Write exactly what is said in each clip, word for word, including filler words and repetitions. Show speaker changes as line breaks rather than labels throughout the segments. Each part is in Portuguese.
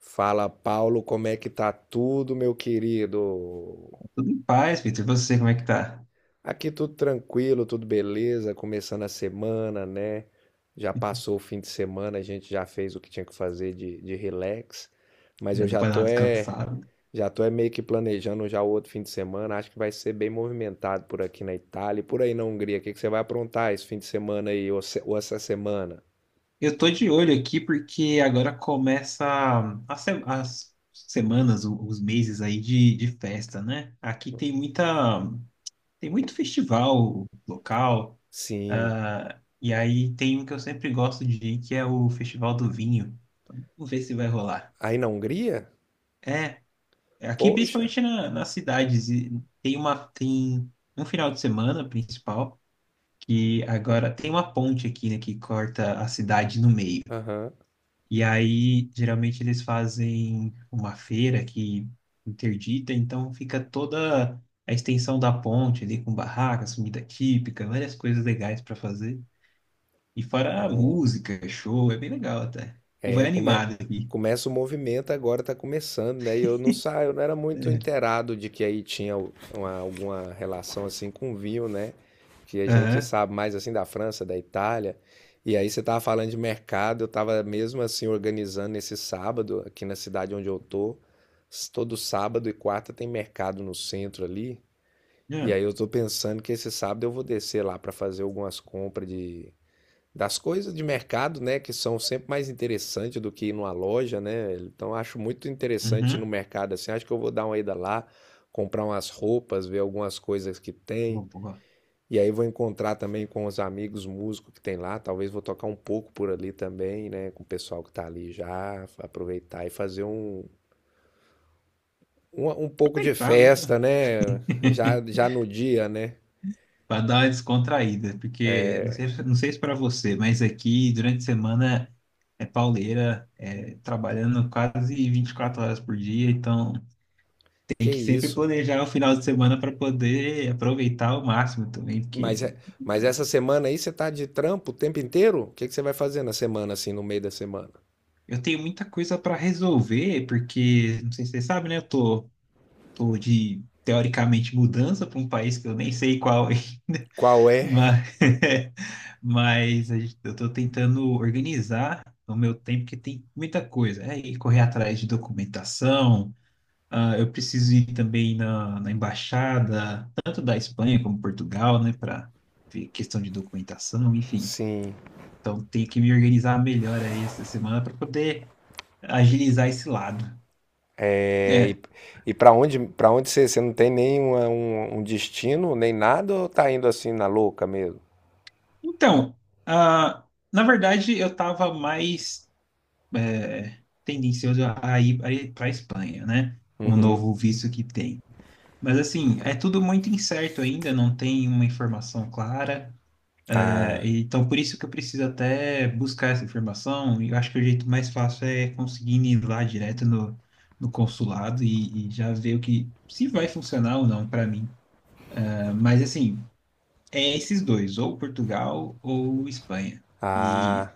Fala, Paulo, como é que tá tudo, meu querido?
Tudo em paz, Peter. E você, como é que tá?
Aqui tudo tranquilo, tudo beleza, começando a semana, né? Já passou o fim de semana, a gente já fez o que tinha que fazer de, de relax, mas eu
Já deu
já
pra dar uma
tô é,
descansada.
já tô é meio que planejando já o outro fim de semana, acho que vai ser bem movimentado por aqui na Itália e por aí na Hungria. O que que você vai aprontar esse fim de semana aí ou, se- ou essa semana?
Eu tô de olho aqui porque agora começa a se- as semanas, o- os meses aí de, de festa, né? Aqui tem muita, tem muito festival local,
Sim,
ah, e aí tem um que eu sempre gosto de ir, que é o Festival do Vinho. Vamos ver se vai rolar.
aí na Hungria?
É, aqui
Poxa,
principalmente na, nas cidades, e tem uma, tem um final de semana principal que agora tem uma ponte aqui, né, que corta a cidade no meio.
aham,
E aí, geralmente, eles fazem uma feira que interdita, então fica toda a extensão da ponte ali com barracas, comida típica, várias coisas legais para fazer. E fora a
bom.
música, show, é bem legal até. O povo
É,
é
come...
animado aqui.
começa o movimento agora, tá começando, né? E eu não saio, eu não era muito
É.
inteirado de que aí tinha u- uma- alguma relação assim com o vinho, né? Que a gente
Aham.
sabe mais assim da França, da Itália. E aí você tava falando de mercado, eu tava mesmo assim organizando esse sábado aqui na cidade onde eu tô. S- Todo sábado e quarta tem mercado no centro ali. E
Uhum.
aí eu tô pensando que esse sábado eu vou descer lá para fazer algumas compras de das coisas de mercado, né, que são sempre mais interessantes do que ir numa loja, né? Então acho muito interessante ir no
Uhum.
mercado assim. Acho que eu vou dar uma ida lá, comprar umas roupas, ver algumas coisas que tem.
Vou vou
E aí vou encontrar também com os amigos músicos que tem lá. Talvez vou tocar um pouco por ali também, né? Com o pessoal que tá ali já, aproveitar e fazer um, um, um pouco de
aproveitar, né?
festa, né? Já, já no dia, né?
Para dar uma descontraída, porque não sei, não sei se para você, mas aqui durante a semana é pauleira, é, trabalhando quase vinte e quatro horas por dia, então
Que
tem que sempre
isso.
planejar o final de semana para poder aproveitar ao máximo também,
Mas, é-
porque
mas essa semana aí você tá de trampo o tempo inteiro? O que que você vai fazer na semana, assim, no meio da semana?
eu tenho muita coisa para resolver, porque não sei se você sabe, né? Eu tô, tô de teoricamente mudança para um país que eu nem sei qual ainda.
Qual é?
Mas, mas a gente- eu estou tentando organizar o meu tempo, porque tem muita coisa. É ir correr atrás de documentação, ah, eu preciso ir também na, na embaixada, tanto da Espanha como Portugal, né, para ver questão de documentação, enfim.
Sim.
Então, tenho que me organizar melhor aí essa semana para poder agilizar esse lado.
É, e
É,
e para onde, para onde você, você não tem nem uma- um, um destino, nem nada, ou tá indo assim na louca mesmo?
então, ah, na verdade, eu estava mais, é, tendencioso a ir para a Espanha, né? Com o
Uhum.
novo visto que tem. Mas, assim, é tudo muito incerto ainda, não tem uma informação clara. É,
Ah,
então, por isso que eu preciso até buscar essa informação. E eu acho que o jeito mais fácil é conseguir ir lá direto no, no consulado e, e já ver o que se vai funcionar ou não para mim. É, mas, assim, é esses dois, ou Portugal ou Espanha. E
ah,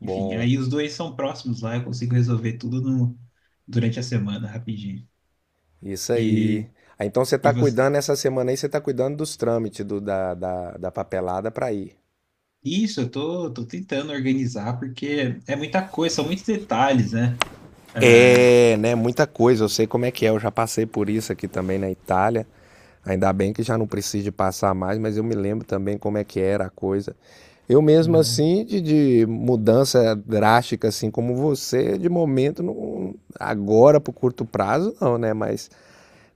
enfim, aí os dois são próximos lá, eu consigo resolver tudo no, durante a semana, rapidinho.
Isso aí.
E,
Ah, então você
e
tá
você?
cuidando essa semana aí, você tá cuidando dos trâmites do, da, da, da papelada pra ir.
Isso, eu tô, tô tentando organizar, porque é muita coisa, são muitos detalhes, né? É,
É, né? Muita coisa. Eu sei como é que é. Eu já passei por isso aqui também na Itália. Ainda bem que já não precisa passar mais, mas eu me lembro também como é que era a coisa. Eu mesmo
é,
assim, de, de mudança drástica, assim como você, de momento, não, agora para o curto prazo, não, né? Mas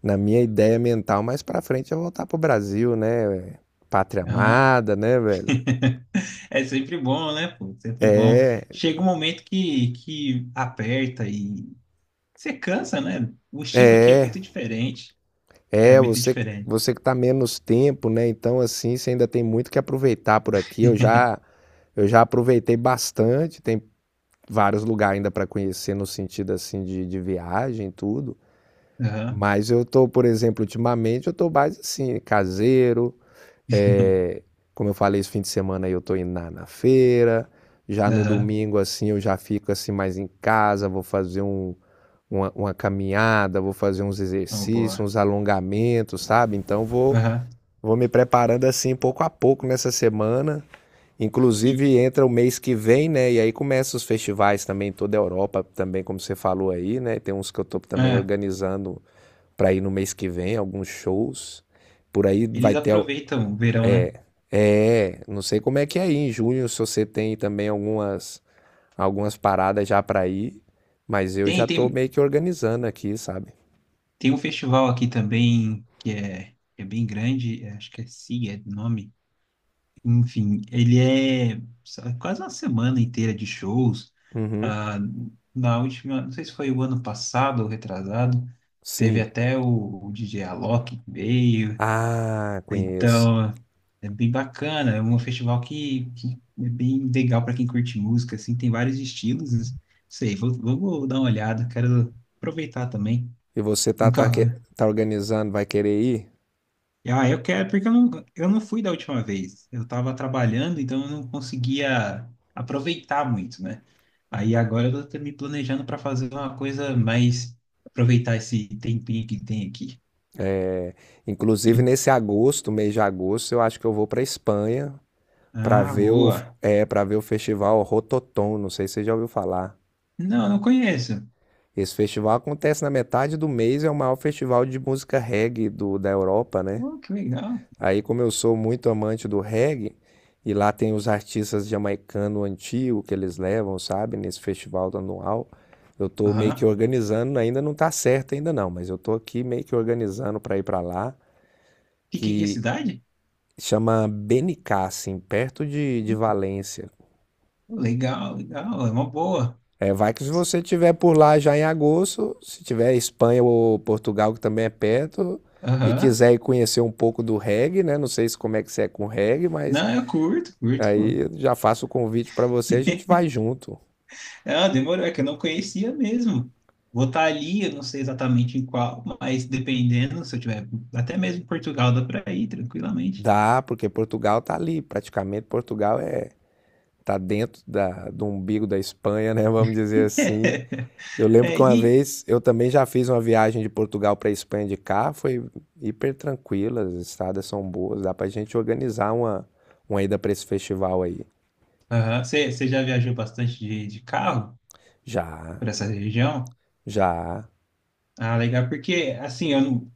na minha ideia mental, mais para frente é voltar pro Brasil, né? Pátria
aham.
amada, né, velho?
É sempre bom, né, pô? Sempre bom.
É,
Chega um momento que, que aperta e você cansa, né? O estilo aqui é
é,
muito diferente. É
é,
muito
você
diferente.
você que está menos tempo, né? Então, assim, você ainda tem muito que aproveitar por aqui. Eu já eu já aproveitei bastante, tem vários lugares ainda para conhecer no sentido assim de, de viagem e tudo.
Aham,
Mas eu tô, por exemplo, ultimamente eu tô mais assim, caseiro. é, como eu falei, esse fim de semana aí eu tô indo na, na feira. Já no
aham.
domingo, assim, eu já fico assim mais em casa, vou fazer um, uma, uma caminhada, vou fazer uns
Oh,
exercícios,
boa.
uns alongamentos, sabe? Então vou,
Aham.
vou me preparando assim pouco a pouco nessa semana.
E
Inclusive entra o mês que vem, né? E aí começam os festivais também em toda a Europa, também como você falou aí, né? Tem uns que eu tô também
ah,
organizando para ir no mês que vem, alguns shows. Por aí vai
eles
ter o-
aproveitam o verão, né?
é, Não sei como é que é aí em junho, se você tem também algumas algumas paradas já para ir, mas eu
Tem,
já tô
tem,
meio que organizando aqui, sabe?
Tem um festival aqui também que é, que é bem grande, é, acho que é SIG, é o nome. Enfim, ele é sa- quase uma semana inteira de shows.
Uhum.
Ah, Na última, não sei se foi o ano passado ou retrasado, teve
Sim.
até o, o D J Alok que veio.
Ah, conheço.
Então, é bem bacana. É um festival que, que é bem legal para quem curte música, assim, tem vários estilos. Não sei, vou, vou vou dar uma olhada, quero aproveitar também.
E você tá tá, que-
Nunca.
tá organizando, vai querer ir?
Ah, eu quero, porque eu não, eu não fui da última vez. Eu estava trabalhando, então eu não conseguia aproveitar muito, né? Aí agora eu estou me planejando para fazer uma coisa mais. Aproveitar esse tempinho que tem aqui.
Inclusive
E-
nesse agosto, mês de agosto, eu acho que eu vou para a Espanha para
ah,
ver o
boa.
é, para ver o festival Rototom, não sei se você já ouviu falar.
Não, não conheço.
Esse festival acontece na metade do mês, é o maior festival de música reggae do, da Europa, né?
Oh, que legal.
Aí, como eu sou muito amante do reggae, e lá tem os artistas jamaicanos antigos que eles levam, sabe, nesse festival anual, eu tô meio que
Aham.
organizando, ainda não tá certo ainda não, mas eu tô aqui meio que organizando para ir para lá,
Fica em que
que
cidade?
Chama Benicassim, perto de, de Valência.
Oh, legal, legal. É uma boa.
É, vai que se você tiver por lá já em agosto, se tiver Espanha ou Portugal, que também é perto, e
Aham.
quiser ir conhecer um pouco do reggae, né? Não sei se como é que você é com reggae, mas
Não, eu curto, curto, pô.
aí eu já faço o convite para você, a gente vai junto.
Ah, demorou, é que eu não conhecia mesmo. Vou estar ali, eu não sei exatamente em qual, mas dependendo, se eu tiver até mesmo em Portugal, dá para ir tranquilamente.
Dá, porque Portugal tá ali, praticamente Portugal é tá dentro da, do umbigo da Espanha, né? Vamos dizer assim. Eu lembro
É,
que uma
e
vez eu também já fiz uma viagem de Portugal para a Espanha de carro, foi hiper tranquila, as estradas são boas, dá pra gente organizar uma, uma ida para esse festival aí.
aham, você você já viajou bastante de, de carro
Já,
por essa região?
já,
Ah, legal, porque assim, eu não,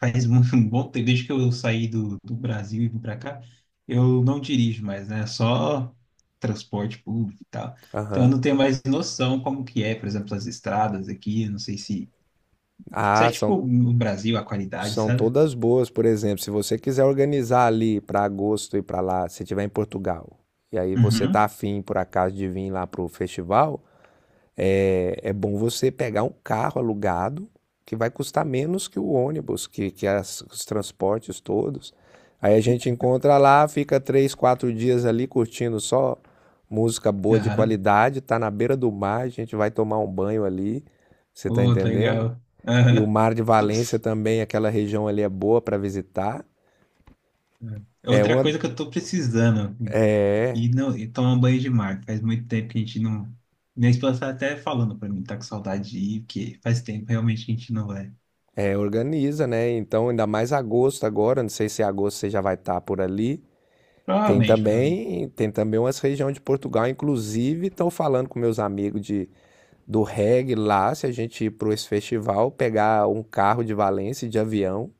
faz muito um bom tempo, desde que eu saí do, do Brasil e vim para cá, eu não dirijo mais, né? Só transporte público e tal. Então eu
aham.
não tenho mais noção como que é, por exemplo, as estradas aqui, eu não sei se isso é
Ah, são,
tipo no Brasil, a qualidade,
são
sabe?
todas boas, por exemplo, se você quiser organizar ali para agosto e para lá, se tiver em Portugal, e aí você tá
Uhum.
afim por acaso de vir lá pro festival. É, é bom você pegar um carro alugado que vai custar menos que o ônibus, que, que as- os transportes todos. Aí a gente encontra lá, fica três, quatro dias ali curtindo só música boa de
Aham.
qualidade, tá na beira do mar, a gente vai tomar um banho ali, você tá
Oh, tá
entendendo?
legal.
E o
Aham.
Mar de
Tô-
Valência também, aquela região ali é boa para visitar.
É
É
outra
uma,
coisa que eu tô precisando, assim. E não, e tomar um banho de mar. Faz muito tempo que a gente não. Minha esposa tá até falando pra mim, tá com saudade de ir, porque faz tempo realmente que a gente não vai.
é, organiza, né? Então, ainda mais agosto agora, não sei se em agosto você já vai estar por ali. Tem
Provavelmente, provavelmente.
também, tem também umas regiões de Portugal, inclusive estão falando com meus amigos de, do reggae lá, se a gente ir para esse festival, pegar um carro de Valência de avião,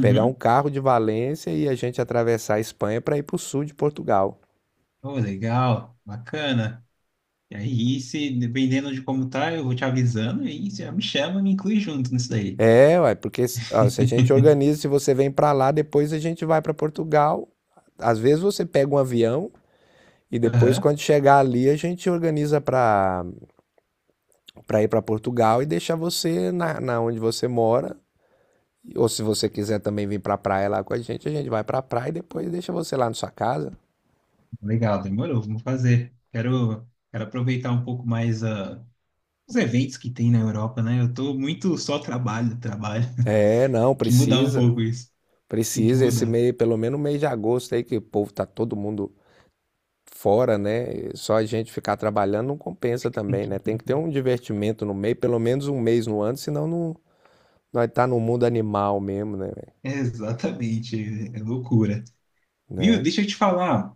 pegar um carro de Valência e a gente atravessar a Espanha para ir para o sul de Portugal.
Oh, legal, bacana. E aí, se dependendo de como tá, eu vou te avisando e aí você já me chama e me inclui junto nisso daí.
É, ué, porque ó, se a gente organiza, se você vem para lá, depois a gente vai para Portugal. Às vezes você pega um avião e depois
Aham.
quando chegar ali a gente organiza para para ir para Portugal e deixar você na, na onde você mora. Ou se você quiser também vir pra praia lá com a gente, a gente vai pra praia e depois deixa você lá na sua casa.
Legal, demorou, vamos fazer. Quero, quero aproveitar um pouco mais, ah, os eventos que tem na Europa, né? Eu tô muito só trabalho, trabalho.
É, não,
Tem que mudar um
precisa.
pouco isso. Tem que
Precisa esse
mudar.
mês, pelo menos mês de agosto aí, que o povo tá todo mundo fora, né? Só a gente ficar trabalhando não compensa também, né? Tem que ter um divertimento no meio, pelo menos um mês no ano, senão não, nós tá no mundo animal mesmo, né, velho?
É, exatamente, é, é loucura. Viu?
Né?
Deixa eu te falar.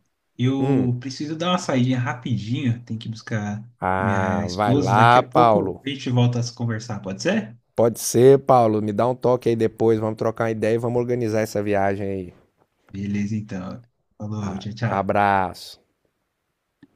Hum.
Eu preciso dar uma saída rapidinho. Tem que buscar
Ah,
minha
vai
esposa. Daqui
lá,
a
Paulo.
pouco a gente volta a se conversar, pode ser?
Pode ser, Paulo. Me dá um toque aí depois. Vamos trocar uma ideia e vamos organizar essa viagem aí.
Beleza, então. Falou,
Ah,
tchau, tchau.
abraço.